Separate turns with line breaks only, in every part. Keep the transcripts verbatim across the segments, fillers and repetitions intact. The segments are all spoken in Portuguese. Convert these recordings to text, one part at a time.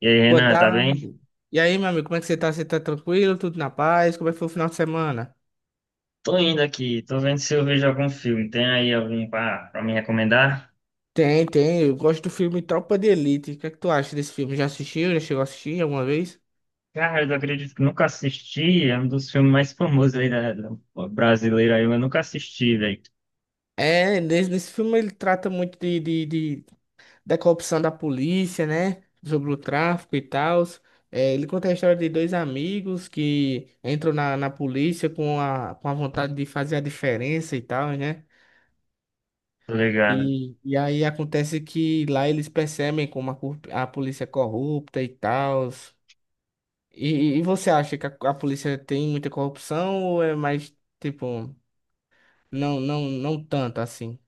E aí,
Boa
Renan, tá bem?
tarde. E aí, meu amigo, como é que você tá? Você tá tranquilo? Tudo na paz? Como é que foi o final de semana?
Tô indo aqui, tô vendo se eu vejo algum filme. Tem aí algum pra, pra me recomendar?
Tem, tem. Eu gosto do filme Tropa de Elite. O que é que tu acha desse filme? Já assistiu? Já chegou a assistir alguma vez?
Cara, eu acredito que nunca assisti. É um dos filmes mais famosos aí da, da brasileira aí, mas eu nunca assisti, velho.
É, nesse, nesse filme ele trata muito de, de, de- da corrupção da polícia, né? Sobre o tráfico e tal. Ele conta a história de dois amigos que entram na, na polícia com a, com a vontade de fazer a diferença e tal, né?
Tá ligado?
E, e aí acontece que lá eles percebem como a, corrup- a polícia é corrupta e tal. E, e você acha que a, a polícia tem muita corrupção ou é mais, tipo, não, não, não tanto assim?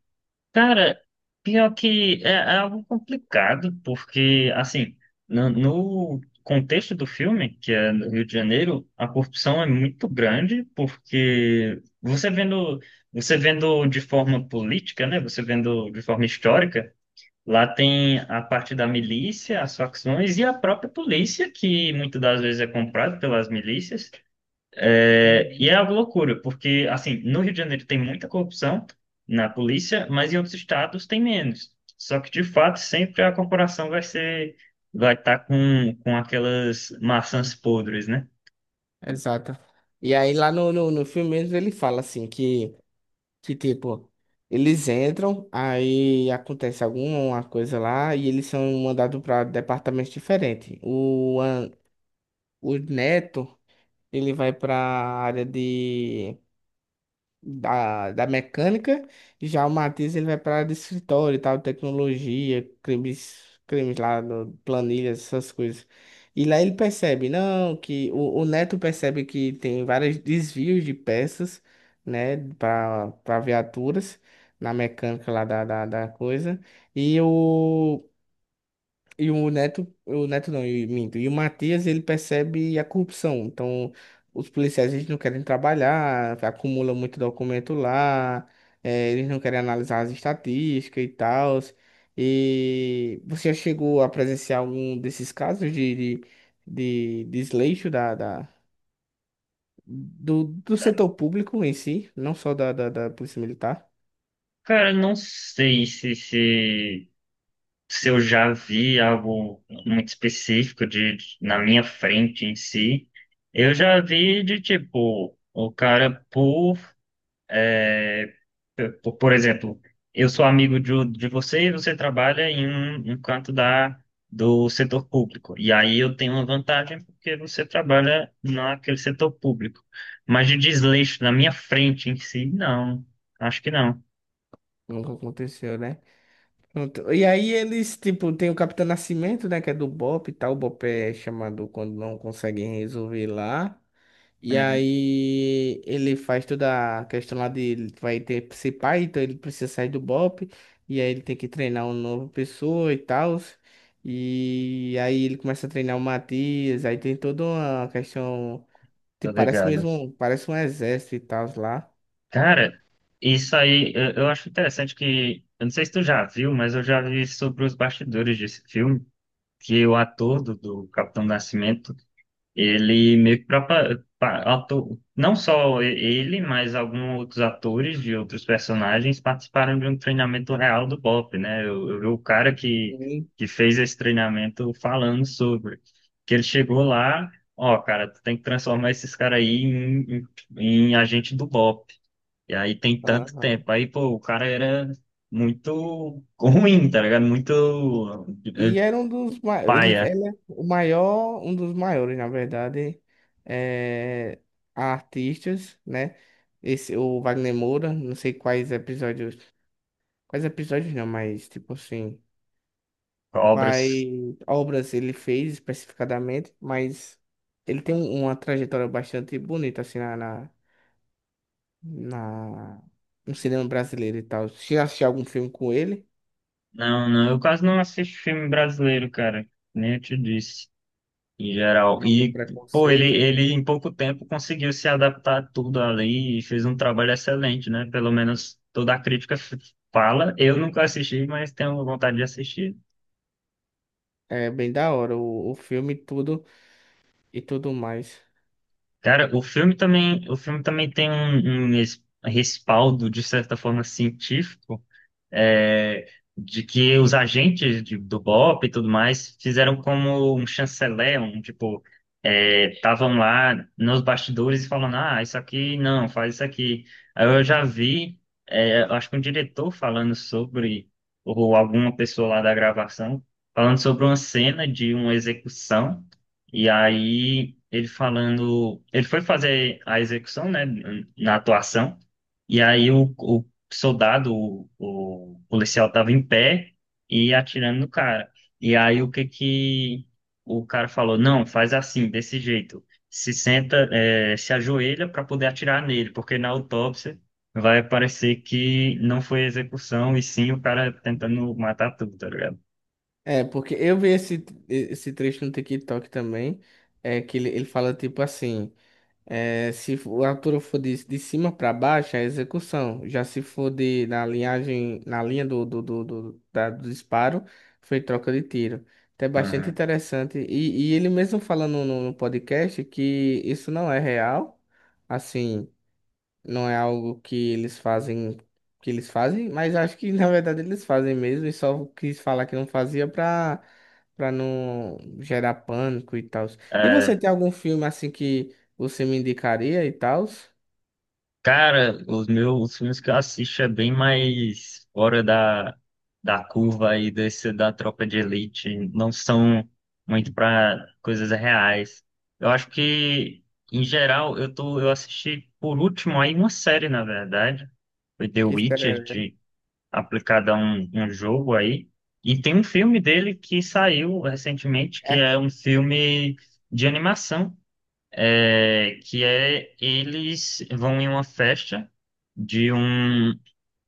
Cara, pior que é, é algo complicado, porque, assim, no, no contexto do filme, que é no Rio de Janeiro, a corrupção é muito grande, porque você vendo, você vendo de forma política, né? Você vendo de forma histórica. Lá tem a parte da milícia, as facções e a própria polícia, que muitas das vezes é comprada pelas milícias. É, e
Uhum.
é uma loucura, porque, assim, no Rio de Janeiro tem muita corrupção na polícia, mas em outros estados tem menos. Só que, de fato, sempre a corporação vai ser, vai estar com, com aquelas maçãs podres, né?
Exato. E aí lá no, no, no filme mesmo ele fala assim que, que tipo, eles entram, aí acontece alguma coisa lá e eles são mandados para departamentos diferentes. O, An- o Neto, ele vai para área de da, da mecânica, já o Matias ele vai para área de escritório e tal, tecnologia, crimes, crimes lá, no- planilhas, essas coisas. E lá ele percebe, não, que o, o Neto percebe que tem vários desvios de peças, né, para para viaturas na mecânica lá da, da, da coisa. E o e o Neto, o Neto não, eu minto. E o Matias, ele percebe a corrupção. Então, os policiais, eles não querem trabalhar, acumulam muito documento lá, eh, eles não querem analisar as estatísticas e tal. E você já chegou a presenciar algum desses casos de, de, de desleixo da, da, do, do
Tá?
setor público em si, não só da, da, da Polícia Militar?
Cara, não sei se, se se eu já vi algo muito específico de, de- na minha frente em si. Eu já vi de tipo, o cara por, por, por exemplo, eu sou amigo de, de você e você trabalha em um, um canto da do setor público. E aí eu tenho uma vantagem porque você trabalha naquele setor público. Mas de desleixo na minha frente em si, não. Acho que não.
Nunca aconteceu, né? Pronto. E aí eles, tipo, tem o Capitão Nascimento, né, que é do BOPE e tal. O BOPE é chamado quando não conseguem resolver lá. E
Uhum,
aí ele faz toda a questão lá de ele vai ter que ser pai, então ele precisa sair do BOPE. E aí ele tem que treinar uma nova pessoa e tal. E aí ele começa a treinar o Matias. Aí tem toda uma questão,
tô
tipo, parece
ligado.
mesmo, parece um exército e tal lá.
Cara, isso aí, eu, eu acho interessante que, eu não sei se tu já viu, mas eu já vi sobre os bastidores desse filme, que o ator do, do Capitão Nascimento, ele meio que propa- pa- ator, não só e- ele, mas alguns outros atores de outros personagens participaram de um treinamento real do BOP, né? Eu, eu vi o cara que,
Sim.
que fez esse treinamento falando sobre, que ele chegou lá, ó, cara, tu tem que transformar esses caras aí em, em, em agente do BOP. E aí tem tanto tempo. Aí, pô, o cara era muito ruim, tá ligado? Muito
E
eh,
era um dos maiores, ele,
paia,
ele é o maior, um dos maiores, na verdade, é, artistas, né? Esse, o Wagner Moura, não sei quais episódios, quais episódios não, mas tipo assim,
obras.
quais obras ele fez especificadamente, mas ele tem uma trajetória bastante bonita, assim, na, na, na- no cinema brasileiro e tal. Se assistir algum filme com ele,
Não, não, eu quase não assisto filme brasileiro, cara. Nem eu te disse, em geral.
algum
E, pô, ele,
preconceito,
ele em pouco tempo conseguiu se adaptar a tudo ali e fez um trabalho excelente, né? Pelo menos toda a crítica f- fala. Eu nunca assisti, mas tenho vontade de assistir.
é bem da hora, o, o filme e tudo. E tudo mais.
Cara, o filme também, o filme também tem um, um es- respaldo, de certa forma, científico é, de que os agentes de- do B O P e tudo mais fizeram como um chanceler, um tipo, estavam lá nos bastidores falando, ah, isso aqui não, faz isso aqui. Aí eu já vi, é, eu acho que um diretor falando sobre, ou alguma pessoa lá da gravação, falando sobre uma cena de uma execução, e aí ele falando, ele foi fazer a execução, né, na atuação, e aí o, o soldado, o, o policial tava em pé e atirando no cara. E aí o que que o cara falou? Não, faz assim, desse jeito. Se senta, é, se ajoelha para poder atirar nele, porque na autópsia vai aparecer que não foi execução e sim o cara tentando matar tudo, tá ligado?
É, porque eu vi esse, esse trecho no TikTok também, é que ele, ele fala tipo assim, é, se o altura for de, de cima para baixo, é execução. Já se for de, na linhagem, na linha do, do, do, do, da- do disparo, foi troca de tiro. Então é bastante
Aham.
interessante. E, e ele mesmo falando no, no podcast que isso não é real, assim... Não é algo que eles fazem, que eles fazem, mas acho que na verdade eles fazem mesmo e só quis falar que não fazia pra, pra não gerar pânico e tal. E você tem algum filme assim que você me indicaria e tal?
Cara, os meus os filmes que eu assisto é bem mais fora da, da curva aí desse da Tropa de Elite. Não são muito para coisas reais. Eu acho que, em geral, eu tô, eu assisti por último aí uma série, na verdade. Foi The
Que
Witcher,
espera,
de, aplicada a um, um jogo aí. E tem um filme dele que saiu recentemente, que
é,
é um filme de animação é, que é eles vão em uma festa de um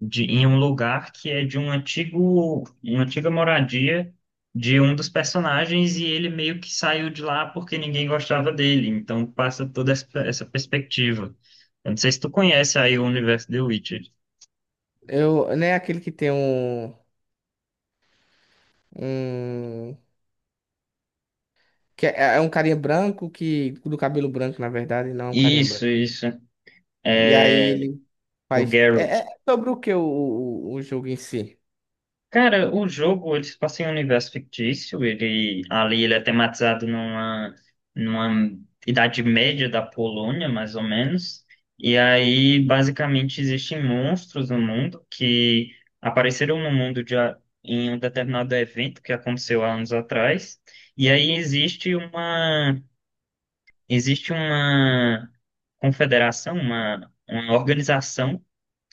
de, em um lugar que é de um antigo uma antiga moradia de um dos personagens e ele meio que saiu de lá porque ninguém gostava dele. Então passa toda essa, essa perspectiva. Eu não sei se tu conhece aí o universo The Witcher.
eu, não é aquele que tem um, um que é, é um carinha branco que do cabelo branco, na verdade, não é um carinha
Isso,
branco.
isso.
E aí
É,
ele
o
faz é,
Geralt.
é sobre o que o, o, o jogo em si?
Cara, o jogo, ele se passa em um universo fictício, ele ali ele é tematizado numa, numa idade média da Polônia, mais ou menos. E aí, basicamente, existem monstros no mundo que apareceram no mundo de, a- em um determinado evento que aconteceu há anos atrás. E aí existe uma existe uma confederação, uma, uma organização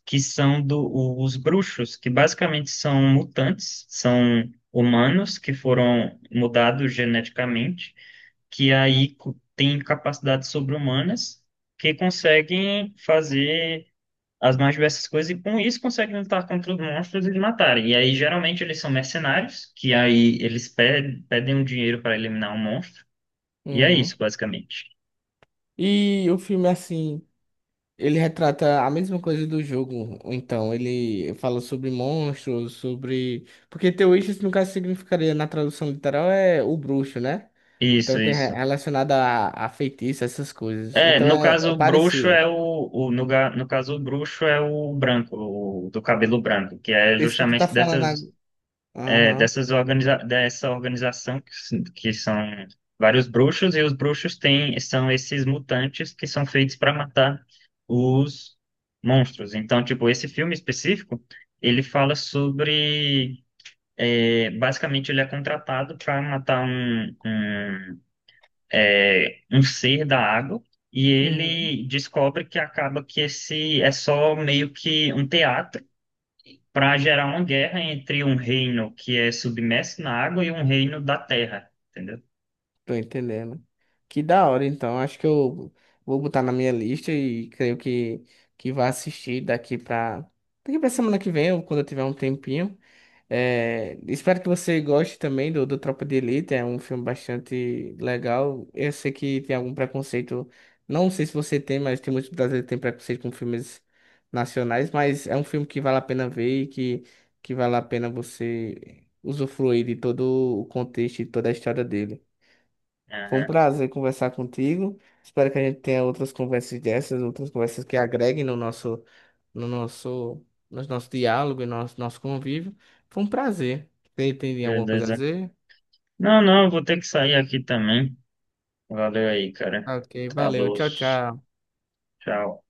que são do, os bruxos, que basicamente são mutantes, são humanos que foram mudados geneticamente, que aí co- têm capacidades sobre-humanas, que conseguem fazer as mais diversas coisas e com isso conseguem lutar contra os monstros e os matarem. E aí geralmente eles são mercenários, que aí eles pedem, pedem um dinheiro para eliminar um monstro. E é
Uhum.
isso, basicamente.
E o filme, assim, ele retrata a mesma coisa do jogo. Então, ele fala sobre monstros, sobre. Porque The Witches, no caso, significaria, na tradução literal, é o bruxo, né? Então,
Isso,
tem re-
isso.
relacionado a, a feitiço, essas coisas.
É,
Então,
no
é, é
caso, o bruxo
parecido.
é o, o no, ga- no caso, o bruxo é o branco, o do cabelo branco, que é
Esse que tu tá
justamente
falando
dessas,
agora.
é,
Aham.
dessas organiza, dessa organização que, s- que são vários bruxos, e os bruxos têm, são esses mutantes que são feitos para matar os monstros. Então, tipo, esse filme específico, ele fala sobre, é, basicamente, ele é contratado para matar um um um ser da água e
Uhum.
ele descobre que acaba que esse é só meio que um teatro para gerar uma guerra entre um reino que é submerso na água e um reino da terra, entendeu?
Tô entendendo. Que da hora, então. Acho que eu vou botar na minha lista e creio que, que vai assistir daqui pra. Daqui pra semana que vem, ou quando eu tiver um tempinho. É, espero que você goste também do, do Tropa de Elite, é um filme bastante legal. Eu sei que tem algum preconceito, não sei se você tem, mas tem muitos brasileiros que têm preconceito com filmes nacionais, mas é um filme que vale a pena ver e que, que vale a pena você usufruir de todo o contexto e toda a história dele. Foi um
Aham,
prazer conversar contigo. Espero que a gente tenha outras conversas dessas, outras conversas que agreguem no nosso, no nosso, no nosso diálogo e nosso, nosso convívio. Foi um prazer. Tem, tem alguma coisa a
beleza.
dizer?
Não, não, eu vou ter que sair aqui também. Valeu aí, cara.
Ok, valeu.
Falou.
Tchau, tchau.
Tchau.